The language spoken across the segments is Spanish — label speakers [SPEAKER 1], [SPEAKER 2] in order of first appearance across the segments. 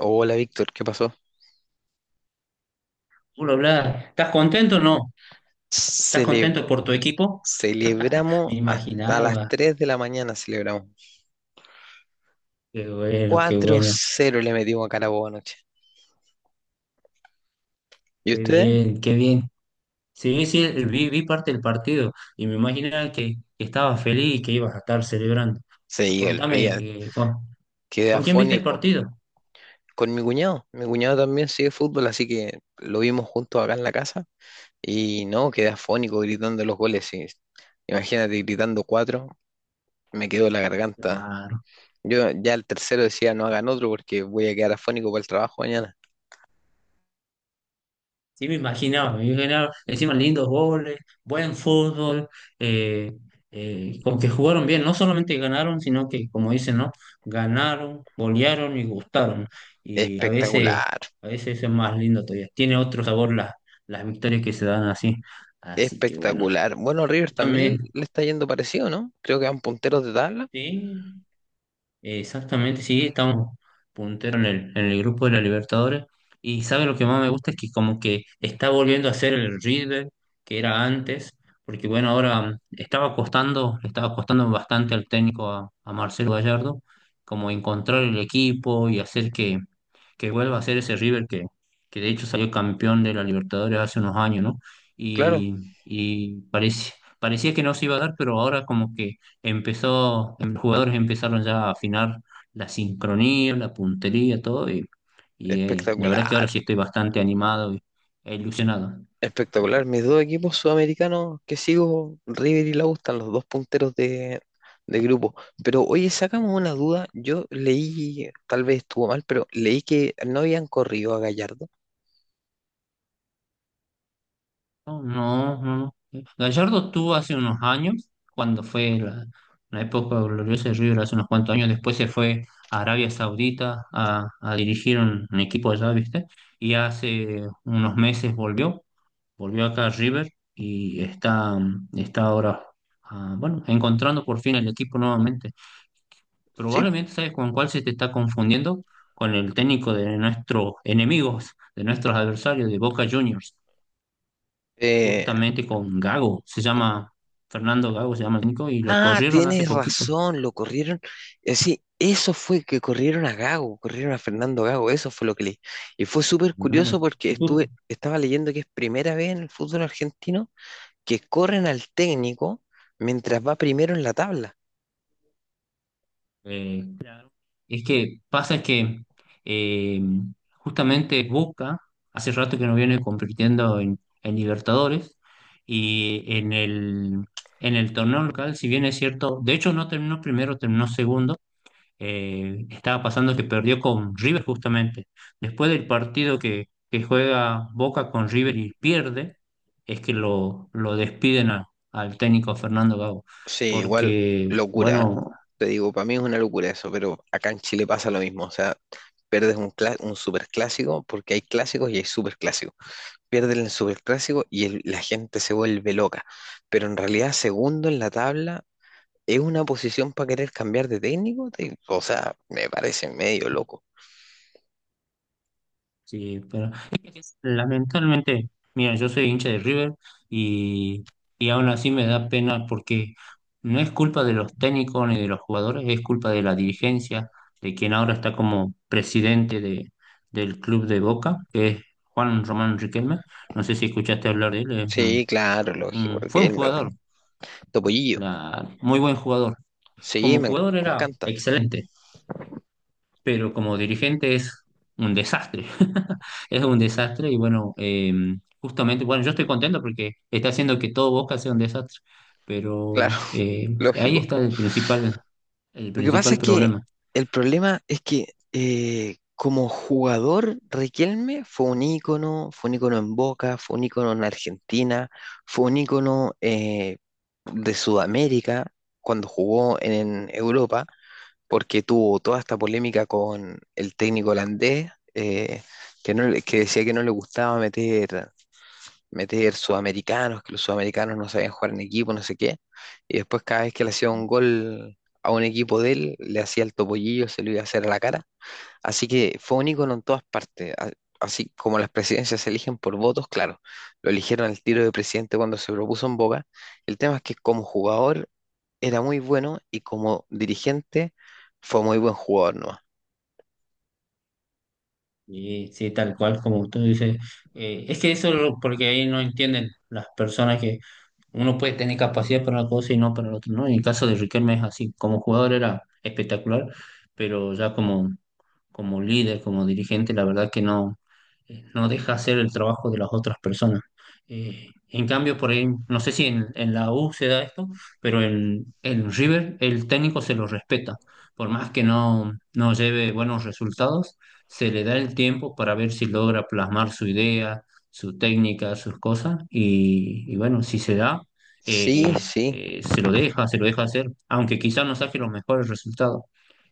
[SPEAKER 1] Hola Víctor, ¿qué pasó?
[SPEAKER 2] Puro hablar. ¿Estás contento o no? ¿Estás
[SPEAKER 1] Cele-
[SPEAKER 2] contento por tu equipo?
[SPEAKER 1] Celebramos
[SPEAKER 2] Me
[SPEAKER 1] hasta las
[SPEAKER 2] imaginaba.
[SPEAKER 1] 3 de la mañana, celebramos.
[SPEAKER 2] Qué bueno, qué
[SPEAKER 1] cuatro
[SPEAKER 2] bueno.
[SPEAKER 1] cero le metimos a Carabobo anoche. ¿Y
[SPEAKER 2] Qué
[SPEAKER 1] ustedes?
[SPEAKER 2] bien, qué bien. Sí, sí, vi parte del partido y me imaginaba que estabas feliz y que ibas a estar celebrando.
[SPEAKER 1] Sí, olvida,
[SPEAKER 2] Contame, eh, ¿con,
[SPEAKER 1] quedé
[SPEAKER 2] ¿con quién viste el
[SPEAKER 1] afónico.
[SPEAKER 2] partido?
[SPEAKER 1] Con mi cuñado también sigue fútbol, así que lo vimos juntos acá en la casa. Y no, quedé afónico gritando los goles. Y imagínate gritando cuatro, me quedó la garganta.
[SPEAKER 2] Claro.
[SPEAKER 1] Yo ya el tercero decía no hagan otro porque voy a quedar afónico para el trabajo mañana.
[SPEAKER 2] Sí, me imaginaba, encima lindos goles, buen fútbol, eh, como que jugaron bien, no solamente ganaron, sino que, como dicen, ¿no? Ganaron, golearon y gustaron. Y
[SPEAKER 1] Espectacular.
[SPEAKER 2] a veces eso es más lindo todavía. Tiene otro sabor las victorias que se dan así. Así que bueno,
[SPEAKER 1] Espectacular. Bueno, River también
[SPEAKER 2] también,
[SPEAKER 1] le está yendo parecido, ¿no? Creo que van punteros de tabla.
[SPEAKER 2] sí. Exactamente, sí, estamos puntero en el grupo de la Libertadores. Y sabe lo que más me gusta es que como que está volviendo a ser el River que era antes, porque bueno, ahora estaba costando, le estaba costando bastante al técnico a Marcelo Gallardo, como encontrar el equipo y hacer que vuelva a ser ese River que de hecho salió campeón de la Libertadores hace unos años, ¿no?
[SPEAKER 1] Claro,
[SPEAKER 2] Y, y parece, parecía que no se iba a dar, pero ahora como que empezó, los jugadores empezaron ya a afinar la sincronía, la puntería, todo, y, la verdad que
[SPEAKER 1] espectacular.
[SPEAKER 2] ahora sí estoy bastante animado y, e ilusionado.
[SPEAKER 1] Espectacular. Mis dos equipos sudamericanos que sigo, River y la U, están los dos punteros de grupo. Pero oye, sacamos una duda. Yo leí, tal vez estuvo mal, pero leí que no habían corrido a Gallardo.
[SPEAKER 2] No, no, no. No. Gallardo tuvo hace unos años, cuando fue la, la época gloriosa de River, hace unos cuantos años, después se fue a Arabia Saudita a dirigir un equipo allá, ¿viste? Y hace unos meses volvió acá a River y está, está ahora, ah, bueno, encontrando por fin el equipo nuevamente.
[SPEAKER 1] Sí.
[SPEAKER 2] Probablemente, ¿sabes con cuál se te está confundiendo? Con el técnico de nuestros enemigos, de nuestros adversarios, de Boca Juniors,
[SPEAKER 1] Eh,
[SPEAKER 2] justamente con Gago, se llama Fernando Gago, se llama el técnico, y lo
[SPEAKER 1] Ah,
[SPEAKER 2] corrieron hace
[SPEAKER 1] tienes
[SPEAKER 2] poquito.
[SPEAKER 1] razón, lo corrieron. Sí, eso fue que corrieron a Gago, corrieron a Fernando Gago, eso fue lo que leí. Y fue súper curioso
[SPEAKER 2] Claro.
[SPEAKER 1] porque
[SPEAKER 2] ¿Y tú?
[SPEAKER 1] estuve, estaba leyendo que es primera vez en el fútbol argentino que corren al técnico mientras va primero en la tabla.
[SPEAKER 2] Claro. Es que pasa que eh, justamente Boca hace rato que no viene compitiendo en Libertadores y en el torneo local, si bien es cierto, de hecho no terminó primero, terminó segundo, estaba pasando que perdió con River justamente. Después del partido que juega Boca con River y pierde, es que lo despiden a- al técnico Fernando Gago,
[SPEAKER 1] Sí, igual
[SPEAKER 2] porque,
[SPEAKER 1] locura. ¿Eh?
[SPEAKER 2] bueno.
[SPEAKER 1] Te digo, para mí es una locura eso, pero acá en Chile pasa lo mismo. O sea, perdes un, un superclásico porque hay clásicos y hay superclásicos. Pierden el Superclásico y la gente se vuelve loca. Pero en realidad, segundo en la tabla es una posición para querer cambiar de técnico. O sea, me parece medio loco.
[SPEAKER 2] Sí, pero es que lamentablemente, mira, yo soy hincha de River y, y aún así me da pena porque no es culpa de los técnicos ni de los jugadores, es culpa de la dirigencia, de quien ahora está como presidente de, del club de Boca, que es Juan Román Riquelme. No sé si escuchaste hablar de él, es
[SPEAKER 1] Sí, claro, lógico,
[SPEAKER 2] un- fue
[SPEAKER 1] porque
[SPEAKER 2] un
[SPEAKER 1] él me
[SPEAKER 2] jugador,
[SPEAKER 1] Topollillo.
[SPEAKER 2] la- muy buen jugador.
[SPEAKER 1] Sí,
[SPEAKER 2] Como jugador
[SPEAKER 1] me
[SPEAKER 2] era
[SPEAKER 1] encanta.
[SPEAKER 2] excelente, pero como dirigente es un desastre. Es un desastre y bueno, justamente, bueno, yo estoy contento porque está haciendo que todo Boca sea un desastre,
[SPEAKER 1] Claro,
[SPEAKER 2] pero ahí
[SPEAKER 1] lógico.
[SPEAKER 2] está el
[SPEAKER 1] Lo que pasa
[SPEAKER 2] principal
[SPEAKER 1] es que
[SPEAKER 2] problema.
[SPEAKER 1] el problema es que como jugador, Riquelme fue un ícono en Boca, fue un ícono en Argentina, fue un ícono de Sudamérica cuando jugó en Europa, porque tuvo toda esta polémica con el técnico holandés, que, no, que decía que no le gustaba meter sudamericanos, que los sudamericanos no sabían jugar en equipo, no sé qué. Y después cada vez que le hacía un gol a un equipo de él, le hacía el topollillo, se lo iba a hacer a la cara. Así que fue un ícono en todas partes. Así como las presidencias se eligen por votos, claro, lo eligieron al tiro de presidente cuando se propuso en Boca. El tema es que como jugador era muy bueno y como dirigente fue muy buen jugador, ¿no?
[SPEAKER 2] Y sí, tal cual como tú dices, es que eso es lo- porque ahí no entienden las personas que uno puede tener capacidad para una cosa y no para la otra, ¿no? En el caso de Riquelme es así, como jugador era espectacular, pero ya como, como líder, como dirigente, la verdad que no, no deja hacer el trabajo de las otras personas. En cambio, por ahí, no sé si en, en la U se da esto, pero en River el técnico se lo respeta. Por más que no, no lleve buenos resultados, se le da el tiempo para ver si logra plasmar su idea, su técnica, sus cosas, y bueno, si se da,
[SPEAKER 1] Sí, sí,
[SPEAKER 2] se lo deja hacer, aunque quizás no saque los mejores resultados.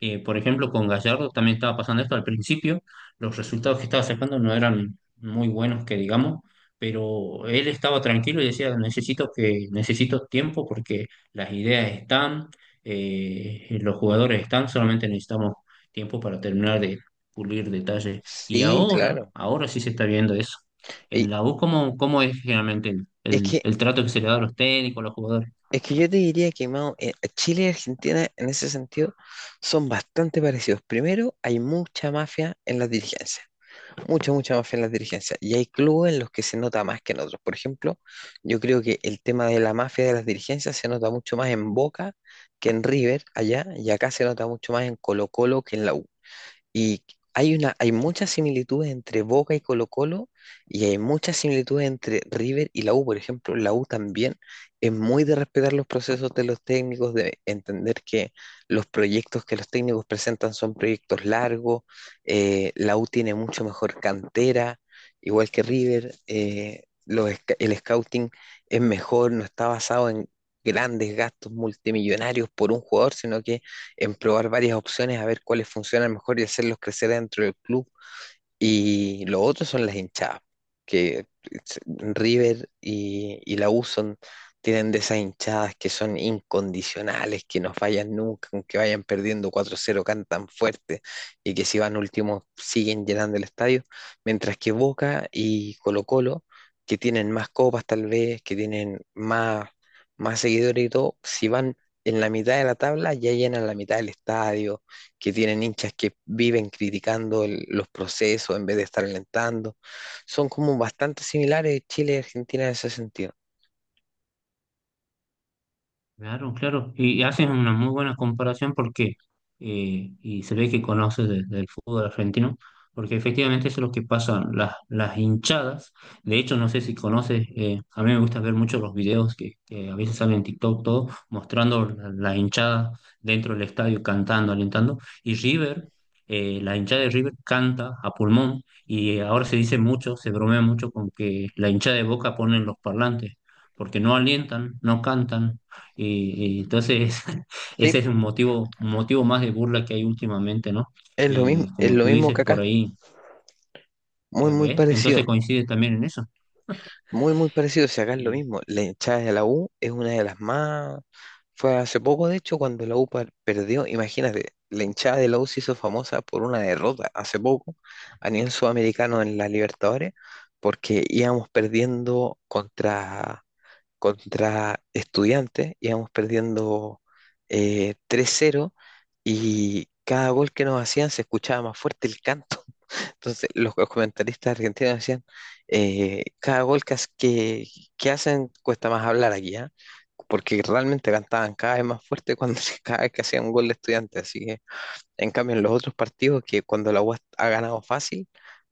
[SPEAKER 2] Por ejemplo, con Gallardo también estaba pasando esto al principio, los resultados que estaba sacando no eran muy buenos, que digamos, pero él estaba tranquilo y decía, necesito necesito tiempo porque las ideas están, los jugadores están, solamente necesitamos tiempo para terminar de pulir detalles. Y
[SPEAKER 1] sí,
[SPEAKER 2] ahora,
[SPEAKER 1] claro.
[SPEAKER 2] ahora sí se está viendo eso
[SPEAKER 1] Y
[SPEAKER 2] en la U. ¿Cómo, cómo es generalmente
[SPEAKER 1] es que
[SPEAKER 2] el trato que se le da a los técnicos, a los jugadores?
[SPEAKER 1] Es que yo te diría que Mao, Chile y Argentina en ese sentido son bastante parecidos. Primero, hay mucha mafia en las dirigencias, mucha, mucha mafia en las dirigencias. Y hay clubes en los que se nota más que en otros. Por ejemplo, yo creo que el tema de la mafia de las dirigencias se nota mucho más en Boca que en River allá, y acá se nota mucho más en Colo-Colo que en la U. Y hay una, hay muchas similitudes entre Boca y Colo-Colo y hay muchas similitudes entre River y la U. Por ejemplo, la U también es muy de respetar los procesos de los técnicos, de entender que los proyectos que los técnicos presentan son proyectos largos. La U tiene mucho mejor cantera, igual que River. Los sc- el scouting es mejor, no está basado en grandes gastos multimillonarios por un jugador, sino que en probar varias opciones, a ver cuáles funcionan mejor y hacerlos crecer dentro del club y lo otro son las hinchadas, que River y la U son, tienen de esas hinchadas que son incondicionales, que no fallan nunca, aunque vayan perdiendo 4-0, cantan fuerte y que si van últimos siguen llenando el estadio, mientras que Boca y Colo-Colo, que tienen más copas tal vez, que tienen más, más seguidores y todo, si van en la mitad de la tabla ya llenan la mitad del estadio que tienen hinchas que viven criticando los procesos en vez de estar alentando. Son como bastante similares Chile y Argentina en ese sentido.
[SPEAKER 2] Claro, claro. Y haces una muy buena comparación porque, y se ve que conoces de- del fútbol argentino, porque efectivamente eso es lo que pasa, las hinchadas. De hecho, no sé si conoces, a mí me gusta ver mucho los videos que a veces salen en TikTok, todo, mostrando la, la hinchada dentro del estadio, cantando, alentando. Y River, la hinchada de River canta a pulmón y ahora se dice mucho, se bromea mucho con que la hinchada de Boca pone en los parlantes porque no alientan, no cantan, y entonces
[SPEAKER 1] Sí,
[SPEAKER 2] ese es un motivo más de burla que hay últimamente, ¿no? Y
[SPEAKER 1] es
[SPEAKER 2] como
[SPEAKER 1] lo
[SPEAKER 2] tú
[SPEAKER 1] mismo
[SPEAKER 2] dices
[SPEAKER 1] que
[SPEAKER 2] por
[SPEAKER 1] acá,
[SPEAKER 2] ahí,
[SPEAKER 1] muy,
[SPEAKER 2] ya,
[SPEAKER 1] muy
[SPEAKER 2] ¿ves?
[SPEAKER 1] parecido,
[SPEAKER 2] Entonces coincide también en eso.
[SPEAKER 1] muy, muy parecido. Si acá es lo
[SPEAKER 2] Y
[SPEAKER 1] mismo, la hinchada de la U es una de las más... Fue hace poco, de hecho, cuando la U perdió, imagínate, la hinchada de la U se hizo famosa por una derrota hace poco a nivel sudamericano en la Libertadores, porque íbamos perdiendo contra Estudiantes, íbamos perdiendo 3-0 y cada gol que nos hacían se escuchaba más fuerte el canto. Entonces los comentaristas argentinos decían, cada gol que hacen cuesta más hablar aquí, ¿ah? Porque realmente cantaban cada vez más fuerte cuando cada vez que hacían un gol de estudiantes. Así que, en cambio, en los otros partidos que cuando la UAS ha ganado fácil,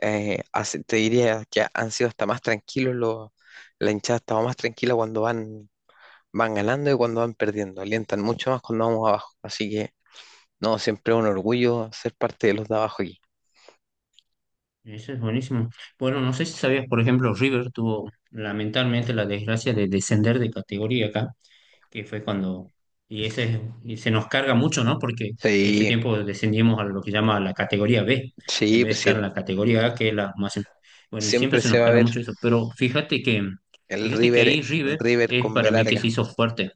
[SPEAKER 1] te diría que han sido hasta más tranquilos, la hinchada estaba más tranquila cuando van ganando y cuando van perdiendo. Alientan mucho más cuando vamos abajo. Así que, no, siempre es un orgullo ser parte de los de abajo aquí.
[SPEAKER 2] eso es buenísimo. Bueno, no sé si sabías, por ejemplo, River tuvo lamentablemente la desgracia de descender de categoría acá que fue cuando... Y, ese, y se nos carga mucho, ¿no? Porque ese
[SPEAKER 1] Sí,
[SPEAKER 2] tiempo descendimos a lo que llama la categoría B, en
[SPEAKER 1] sí,
[SPEAKER 2] vez de
[SPEAKER 1] pues sí.
[SPEAKER 2] estar en la categoría A, que es la más... Bueno, y siempre
[SPEAKER 1] Siempre
[SPEAKER 2] se
[SPEAKER 1] se
[SPEAKER 2] nos
[SPEAKER 1] va a
[SPEAKER 2] carga
[SPEAKER 1] ver
[SPEAKER 2] mucho eso, pero
[SPEAKER 1] el
[SPEAKER 2] fíjate que
[SPEAKER 1] River,
[SPEAKER 2] ahí River
[SPEAKER 1] River
[SPEAKER 2] es
[SPEAKER 1] con B
[SPEAKER 2] para mí que se
[SPEAKER 1] larga.
[SPEAKER 2] hizo fuerte.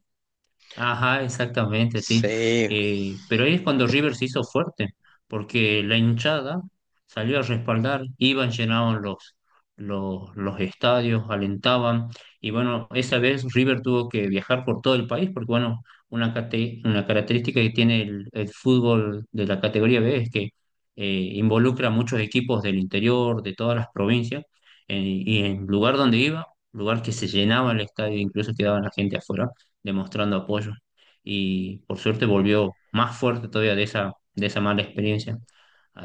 [SPEAKER 2] Ajá, exactamente, sí.
[SPEAKER 1] Sí,
[SPEAKER 2] Pero ahí es cuando River se hizo fuerte, porque la hinchada salió a respaldar, iban, llenaban los estadios, alentaban, y bueno, esa vez River tuvo que viajar por todo el país, porque bueno, una, cate- una característica que tiene el fútbol de la categoría B es que eh, involucra a muchos equipos del interior, de todas las provincias, y en lugar donde iba, lugar que se llenaba el estadio, incluso quedaba la gente afuera demostrando apoyo. Y por suerte volvió más fuerte todavía de esa mala experiencia.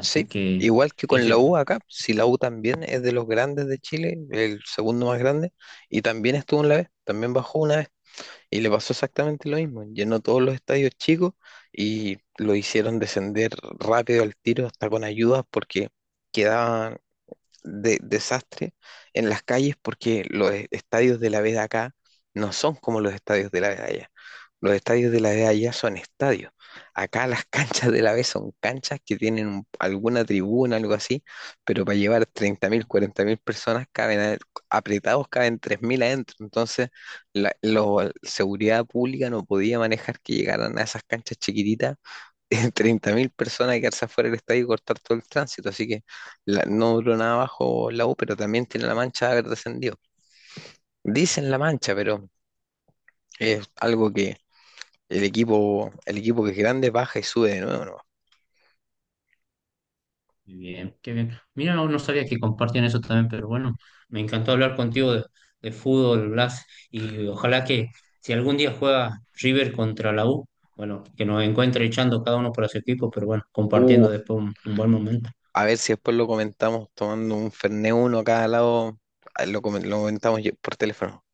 [SPEAKER 1] sí.
[SPEAKER 2] que
[SPEAKER 1] Igual que con la
[SPEAKER 2] ese,
[SPEAKER 1] U acá, si la U también es de los grandes de Chile, el segundo más grande, y también estuvo en la B, también bajó una vez. Y le pasó exactamente lo mismo. Llenó todos los estadios chicos y lo hicieron descender rápido al tiro hasta con ayudas porque quedaban de desastre en las calles porque los estadios de la B de acá no son como los estadios de la B de allá. Los estadios de la B de allá son estadios. Acá las canchas de la B son canchas que tienen alguna tribuna, algo así, pero para llevar 30.000, mil personas caben apretados, caben 3.000 adentro. Entonces, seguridad pública no podía manejar que llegaran a esas canchas chiquititas. 30.000 personas y quedarse afuera del estadio y cortar todo el tránsito. Así que no duró nada abajo la U, pero también tiene la mancha de haber descendido. Dicen la mancha, pero es algo que el equipo que es grande baja y sube de nuevo, ¿no?
[SPEAKER 2] bien, qué bien. Mira, no, no sabía que compartían eso también, pero bueno, me encantó hablar contigo de fútbol, Blas, y ojalá que si algún día juega River contra la U, bueno, que nos encuentre echando cada uno por su equipo, pero bueno,
[SPEAKER 1] Uh,
[SPEAKER 2] compartiendo después un buen momento.
[SPEAKER 1] a ver si después lo comentamos tomando un Fernet uno a cada lado. Ah, lo comentamos por teléfono.